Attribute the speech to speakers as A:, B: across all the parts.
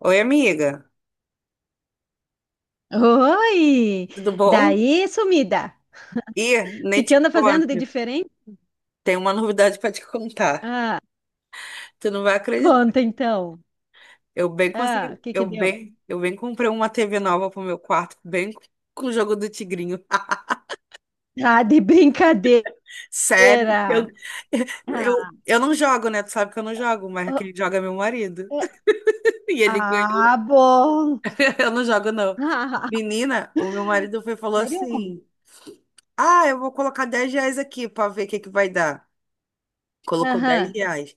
A: Oi, amiga,
B: Oi!
A: tudo bom?
B: Daí, sumida!
A: Ih,
B: O
A: nem
B: que
A: te
B: que anda fazendo de
A: conto.
B: diferente?
A: Tem uma novidade para te contar.
B: Ah,
A: Tu não vai acreditar.
B: conta então.
A: Eu bem
B: Ah, o
A: consegui,
B: que que deu?
A: eu bem comprei uma TV nova pro meu quarto, bem com o jogo do Tigrinho.
B: Ah, de brincadeira!
A: Sério, eu, eu,
B: Ah,
A: eu não jogo, né? Tu sabe que eu não jogo, mas
B: oh,
A: quem joga é meu marido.
B: é-
A: E ele ganha.
B: ah, bom!
A: Eu não jogo, não.
B: Ah,
A: Menina, o meu marido foi e falou
B: sério?
A: assim: ah, eu vou colocar 10 reais aqui para ver o que que vai dar. Colocou 10
B: Aham,
A: reais.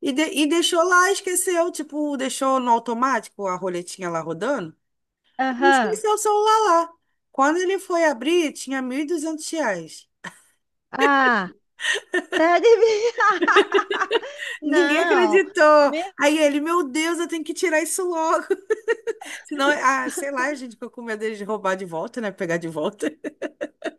A: E deixou lá, esqueceu, tipo, deixou no automático a roletinha lá rodando e
B: aham.
A: esqueceu o celular lá. Quando ele foi abrir, tinha 1.200 reais.
B: Ah, tá de brincadeira!
A: Ninguém
B: Não!
A: acreditou.
B: Meu,
A: Aí ele, meu Deus, eu tenho que tirar isso logo. Senão, ah, sei lá, a gente ficou com medo de roubar de volta, né? Pegar de volta.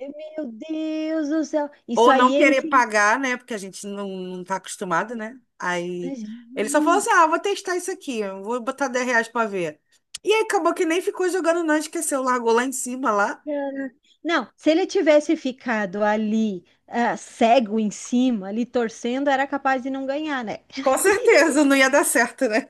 B: meu Deus do céu! Isso
A: Ou não
B: aí é
A: querer
B: incentivo.
A: pagar, né? Porque a gente não tá acostumado, né? Aí ele só falou assim: ah, vou testar isso aqui, eu vou botar 10 reais pra ver. E aí acabou que nem ficou jogando, não, esqueceu, largou lá em cima lá.
B: Era- Não, se ele tivesse ficado ali, cego em cima, ali torcendo, era capaz de não ganhar, né?
A: Com certeza, não ia dar certo, né?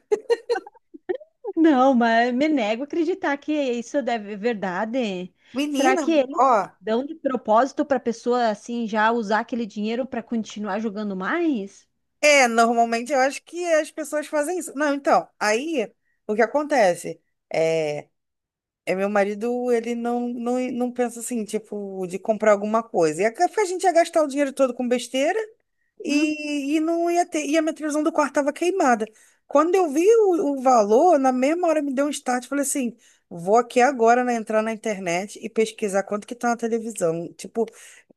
B: Não, mas me nego a acreditar que isso deve é verdade. Será
A: Menina,
B: que eles
A: ó,
B: dão de propósito para a pessoa assim já usar aquele dinheiro para continuar jogando mais?
A: é, normalmente eu acho que as pessoas fazem isso. Não, então, aí o que acontece é, é meu marido, ele não pensa assim, tipo, de comprar alguma coisa. E a gente ia gastar o dinheiro todo com besteira
B: Hum?
A: e não ia ter. E a minha televisão do quarto tava queimada. Quando eu vi o valor, na mesma hora me deu um start, falei assim, vou aqui agora, né, entrar na internet e pesquisar quanto que tá na televisão. Tipo,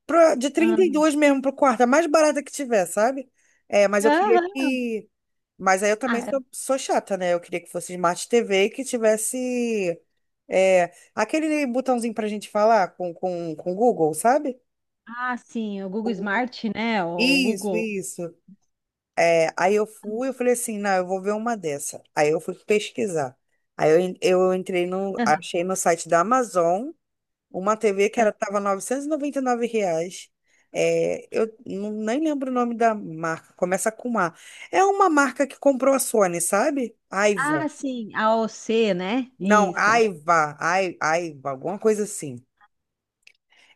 A: pra, de trinta
B: Ah,
A: e dois mesmo pro quarto, a mais barata que tiver, sabe? É, mas eu queria
B: aham.
A: que. Mas aí eu também
B: Ah, é.
A: sou chata, né? Eu queria que fosse Smart TV e que tivesse. É, aquele botãozinho pra gente falar com o Google, sabe?
B: Ah, sim, o
A: O
B: Google
A: Google.
B: Smart, né? O
A: Isso,
B: Google.
A: isso. É, eu falei assim, não, eu vou ver uma dessa. Aí eu fui pesquisar. Aí eu entrei no,
B: Aham.
A: achei no site da Amazon. Uma TV que era, tava R$ 999. É, eu nem lembro o nome da marca. Começa com A. É uma marca que comprou a Sony, sabe? Aiva.
B: Ah, sim, a OC, né?
A: Não,
B: Isso.
A: Aiva. Ai, Aiva, alguma coisa assim.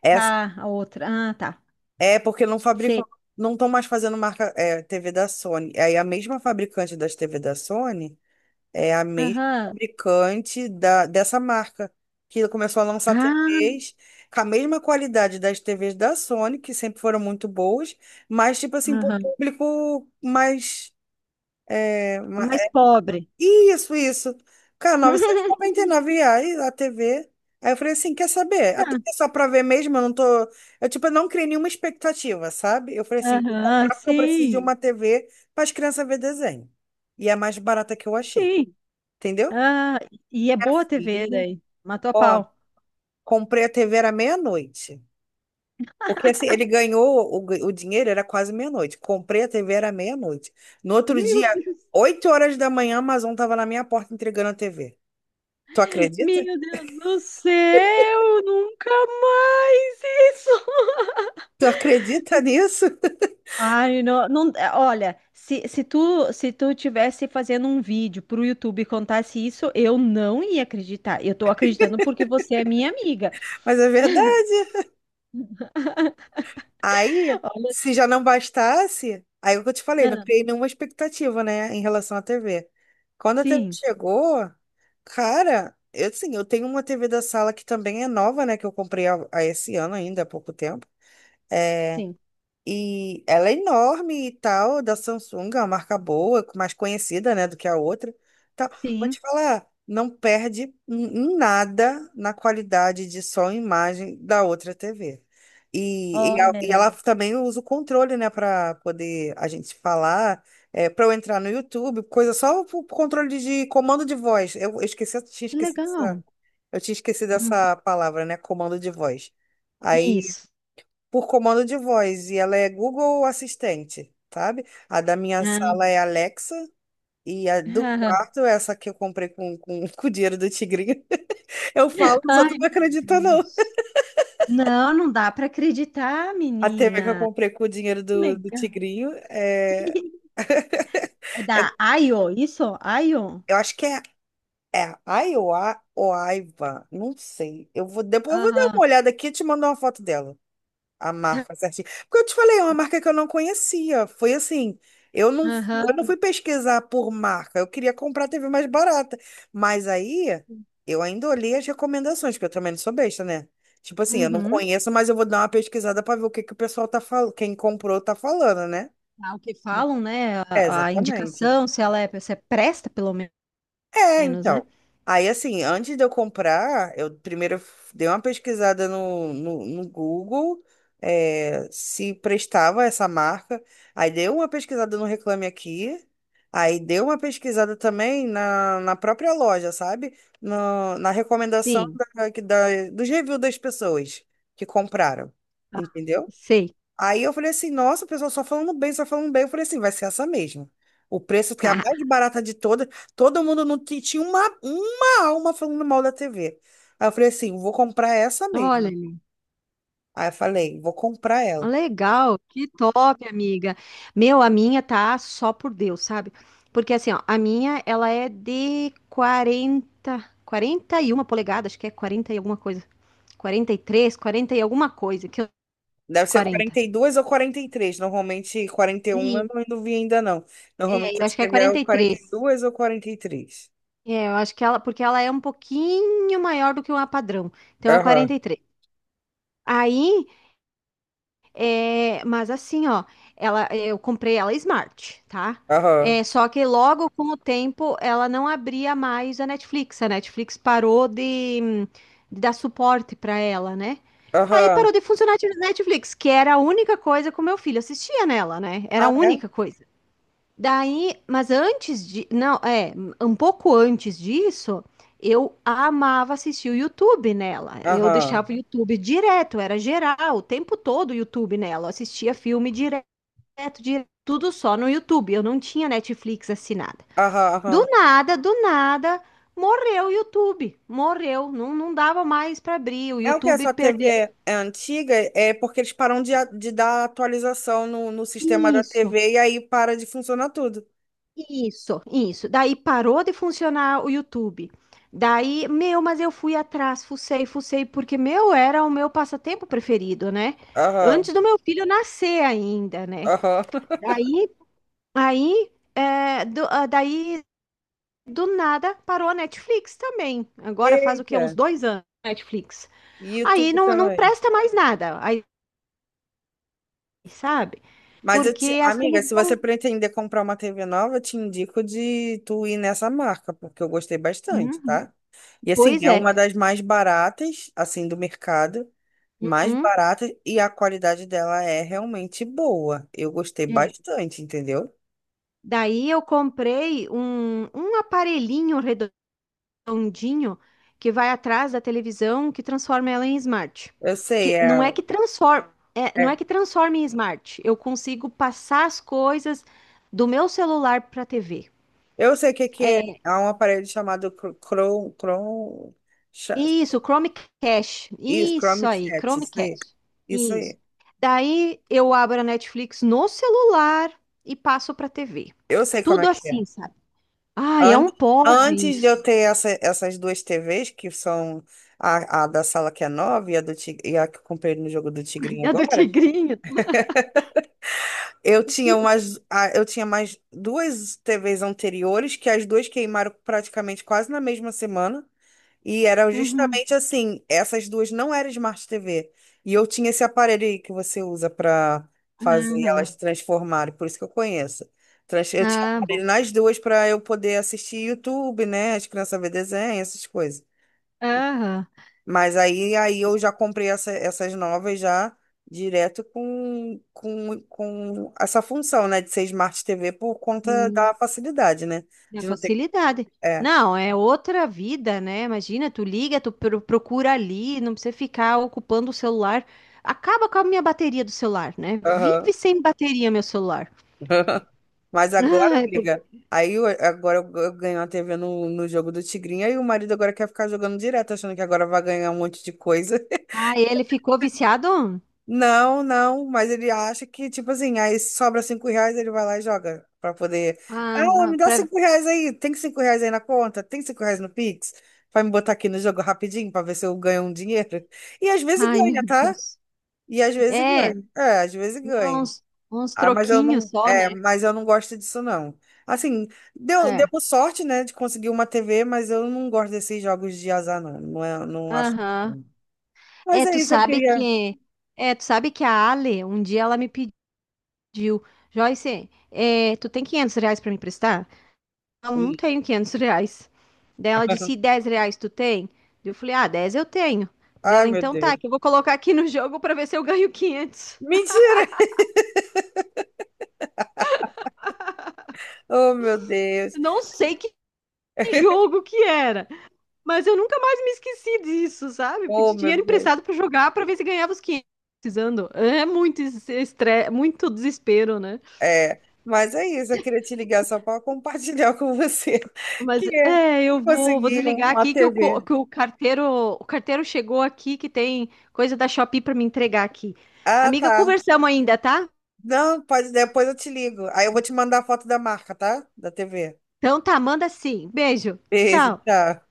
A: Essa,
B: Tá, a outra. Ah, tá.
A: é porque não fabricam, não estão mais fazendo marca, é, TV da Sony. Aí a mesma fabricante das TV da Sony. É a mesma
B: Aham.
A: fabricante dessa marca, que começou a lançar
B: Ah,
A: TVs com a mesma qualidade das TVs da Sony, que sempre foram muito boas, mas, tipo assim, para o
B: aham.
A: público mais. É,
B: Mais pobre.
A: isso, isso. Cara, R$ 999 reais a TV. Aí eu falei assim: quer saber? Até que é só pra ver mesmo, eu não tô. Eu, tipo, eu não criei nenhuma expectativa, sabe? Eu falei assim: vou
B: Aham,
A: comprar porque eu preciso de
B: sim,
A: uma TV para as crianças ver desenho. E é a mais barata que eu achei.
B: sim.
A: Entendeu?
B: Ah, e é
A: Minha
B: boa a TV
A: filha,
B: daí. Matou a
A: ó,
B: pau.
A: comprei a TV era meia-noite. Porque assim, ele ganhou o dinheiro, era quase meia-noite. Comprei a TV era meia-noite. No outro dia,
B: Meu Deus.
A: 8 horas da manhã, a Amazon tava na minha porta entregando a TV. Tu acredita?
B: Meu Deus do céu, nunca mais isso.
A: Tu acredita nisso?
B: Ai, não, não, é, olha, se tu tivesse fazendo um vídeo pro YouTube e contasse isso, eu não ia acreditar. Eu tô acreditando porque você é minha amiga.
A: Mas é verdade. Aí,
B: Olha, assim,
A: se já não bastasse, aí é o que eu te falei, não
B: ah,
A: criei nenhuma expectativa, né, em relação à TV. Quando a TV
B: sim,
A: chegou, cara, eu sim eu tenho uma TV da sala que também é nova, né, que eu comprei há esse ano ainda, há pouco tempo. É,
B: sim,
A: e ela é enorme e tal, da Samsung, é uma marca boa, mais conhecida, né, do que a outra. Tal. Vou
B: sim.
A: te falar, não perde em nada na qualidade de som e imagem da outra TV. E, e,
B: Olha.
A: a- e ela também usa o controle, né, para poder a gente falar, para eu entrar no YouTube, coisa só o controle de comando de voz. Eu esqueci,
B: Que legal.
A: eu tinha esquecido
B: Uhum.
A: essa palavra, né, comando de voz. Aí
B: Isso.
A: por comando de voz e ela é Google Assistente, sabe? A da minha
B: Ah,
A: sala é Alexa e a do
B: ah.
A: quarto, é essa que eu comprei com o dinheiro do Tigrinho. Eu falo, os outros
B: Ai,
A: não
B: meu
A: acreditam, não.
B: Deus. Não, não dá para acreditar,
A: A TV que eu
B: menina.
A: comprei com o dinheiro
B: Que
A: do
B: legal.
A: Tigrinho é,
B: É da
A: é-
B: Ayo, isso? Ayo.
A: eu acho que é Iowa ou Aiva, não sei. Depois eu vou dar
B: Aham.
A: uma olhada aqui e te mando uma foto dela. A
B: Tá.
A: marca certinha. Porque eu te falei, é uma marca que eu não conhecia. Foi assim, eu não fui
B: Aham.
A: pesquisar por marca. Eu queria comprar a TV mais barata. Mas aí, eu ainda olhei as recomendações, porque eu também não sou besta, né? Tipo assim, eu não
B: Uhum.
A: conheço, mas eu vou dar uma pesquisada para ver o que que o pessoal tá falando, quem comprou tá falando, né?
B: Ah, o que falam, né?
A: É,
B: A
A: exatamente.
B: indicação, se ela é, se é presta, pelo
A: É,
B: menos, né?
A: então. Aí, assim, antes de eu comprar, eu primeiro dei uma pesquisada no Google, é, se prestava essa marca. Aí dei uma pesquisada no Reclame Aqui. Aí dei uma pesquisada também na própria loja, sabe? Na recomendação
B: Sim.
A: dos reviews das pessoas que compraram.
B: Ah,
A: Entendeu?
B: sei.
A: Aí eu falei assim, nossa, o pessoal só falando bem, só falando bem. Eu falei assim, vai ser essa mesmo. O preço que é a mais barata de todas, todo mundo não tinha uma alma falando mal da TV. Aí eu falei assim, vou comprar essa mesmo.
B: Olha.
A: Aí eu falei, vou comprar ela.
B: Legal, que top, amiga. Meu, a minha tá só por Deus, sabe? Porque assim, ó, a minha, ela é de 41 polegadas, acho que é 40 e alguma coisa. 43, 40 e alguma coisa, que eu
A: Deve ser
B: 40.
A: 42 ou 43. Normalmente 41, eu
B: E
A: não vi ainda não.
B: é,
A: Normalmente
B: eu
A: as
B: acho que é
A: TV é o quarenta
B: 43.
A: e dois ou 43.
B: É, eu acho que ela, porque ela é um pouquinho maior do que uma padrão. Então é quarenta
A: Aham,
B: e três. Aí, é, mas assim, ó, ela, eu comprei ela Smart, tá?
A: aham,
B: É, só que logo com o tempo ela não abria mais a Netflix. A Netflix parou de dar suporte para ela, né? Aí
A: aham.
B: parou de funcionar a Netflix, que era a única coisa que o meu filho assistia nela, né? Era a
A: Ah, é?
B: única coisa. Daí, mas antes de, não, é, um pouco antes disso, eu amava assistir o YouTube nela. Eu deixava
A: Aham,
B: o YouTube direto, era geral, o tempo todo o YouTube nela. Eu assistia filme direto, direto, tudo só no YouTube. Eu não tinha Netflix assinada.
A: aham, aham.
B: Do nada, morreu o YouTube. Morreu, não, não dava mais para abrir. O
A: É o que? A
B: YouTube
A: sua
B: perdeu.
A: TV é antiga? É porque eles param de dar atualização no sistema da
B: Isso.
A: TV e aí para de funcionar tudo.
B: Isso, isso. Daí parou de funcionar o YouTube. Daí, meu, mas eu fui atrás, fucei, fucei, porque meu era o meu passatempo preferido, né?
A: Aham,
B: Antes do meu filho nascer ainda, né?
A: aham.
B: Daí, aí, é, daí, do nada parou a Netflix também. Agora faz o quê? Uns
A: Eita,
B: 2 anos Netflix.
A: e
B: Aí
A: YouTube
B: não
A: também.
B: presta mais nada, aí, sabe?
A: Mas eu
B: Porque
A: te,
B: as
A: amiga, se você
B: televisão.
A: pretender comprar uma TV nova, eu te indico de tu ir nessa marca, porque eu gostei bastante,
B: Uhum,
A: tá? E assim,
B: pois
A: é uma
B: é.
A: das mais baratas, assim, do mercado, mais
B: Uhum,
A: barata e a qualidade dela é realmente boa. Eu gostei
B: é.
A: bastante, entendeu?
B: Daí eu comprei um aparelhinho redondinho que vai atrás da televisão que transforma ela em smart.
A: Eu sei,
B: Que não é que transforma, é, não é
A: é
B: que transforma em smart. Eu consigo passar as coisas do meu celular para a TV.
A: eu sei o que que é.
B: É,
A: Há um aparelho chamado Chrome, Chrome, cha-
B: isso, Chromecast.
A: isso,
B: Isso
A: Chrome
B: aí,
A: Chat, isso aí.
B: Chromecast.
A: Isso
B: Isso.
A: aí.
B: Daí eu abro a Netflix no celular e passo para a TV.
A: Eu sei como é
B: Tudo
A: que é.
B: assim, sabe? Ai, é um
A: Antes,
B: porre
A: antes de
B: isso.
A: eu ter essas duas TVs, que são a da sala que é nova e a que eu comprei no jogo do Tigrinho
B: É do
A: agora,
B: tigrinho.
A: eu tinha eu tinha mais duas TVs anteriores, que as duas queimaram praticamente quase na mesma semana. E eram
B: Uhum.
A: justamente assim, essas duas não eram Smart TV. E eu tinha esse aparelho aí que você usa para fazer
B: Aham.
A: elas transformarem, por isso que eu conheço. Eu tinha
B: Ah,
A: aparelho
B: bom.
A: nas duas para eu poder assistir YouTube, né? As crianças ver desenho, essas coisas.
B: Aham.
A: Mas aí, aí eu já comprei essas novas já direto com essa função, né? De ser Smart TV por conta
B: Sim.
A: da facilidade, né?
B: É
A: De não ter.
B: facilidade.
A: É.
B: Não, é outra vida, né? Imagina, tu liga, tu procura ali, não precisa ficar ocupando o celular. Acaba com a minha bateria do celular, né? Vive
A: Aham.
B: sem bateria, meu celular.
A: Mas agora,
B: Ai,
A: amiga, agora eu ganho a TV no jogo do Tigrinho, aí o marido agora quer ficar jogando direto, achando que agora vai ganhar um monte de coisa.
B: ah, ele ficou viciado?
A: Não, não, mas ele acha que, tipo assim, aí sobra 5 reais, ele vai lá e joga pra poder. Ah, me
B: Ah,
A: dá
B: pra...
A: 5 reais aí, tem 5 reais aí na conta? Tem cinco reais no Pix? Vai me botar aqui no jogo rapidinho pra ver se eu ganho um dinheiro? E às vezes
B: Ai,
A: ganha,
B: meu
A: tá?
B: Deus.
A: E às vezes
B: É
A: ganha. É, às vezes ganha.
B: uns, uns
A: Ah,
B: troquinhos só, né?
A: mas eu não gosto disso não. Assim, deu
B: É.
A: sorte, né, de conseguir uma TV, mas eu não gosto desses jogos de azar não, não, não acho
B: Aham.
A: legal. Mas
B: É,
A: é
B: tu
A: isso, eu
B: sabe
A: queria.
B: que é, tu sabe que a Ale, um dia ela me pediu, Joyce, tu tem R$ 500 pra me emprestar? Eu não
A: Ih.
B: tenho R$ 500. Daí ela disse, e R$ 10 tu tem? Eu falei, ah, 10 eu tenho. Diz
A: Ai,
B: ela,
A: meu
B: então tá,
A: Deus.
B: que eu vou colocar aqui no jogo pra ver se eu ganho 500.
A: Mentira! Oh, meu Deus.
B: Eu não sei que jogo que era, mas eu nunca mais me esqueci disso, sabe?
A: Oh,
B: Pedi
A: meu
B: dinheiro
A: Deus.
B: emprestado pra jogar pra ver se ganhava os 500. Precisando. É muito estresse, muito desespero, né?
A: É, mas é isso, eu queria te ligar só para compartilhar com você
B: Mas
A: que
B: é,
A: eu
B: eu vou
A: consegui
B: desligar
A: uma
B: aqui que
A: TV.
B: que o carteiro chegou aqui que tem coisa da Shopee para me entregar aqui.
A: Ah,
B: Amiga,
A: tá.
B: conversamos ainda, tá?
A: Não, pode, depois eu te ligo. Aí eu vou te mandar a foto da marca, tá? Da TV.
B: Então tá, manda sim. Beijo.
A: Beijo,
B: Tchau.
A: tchau.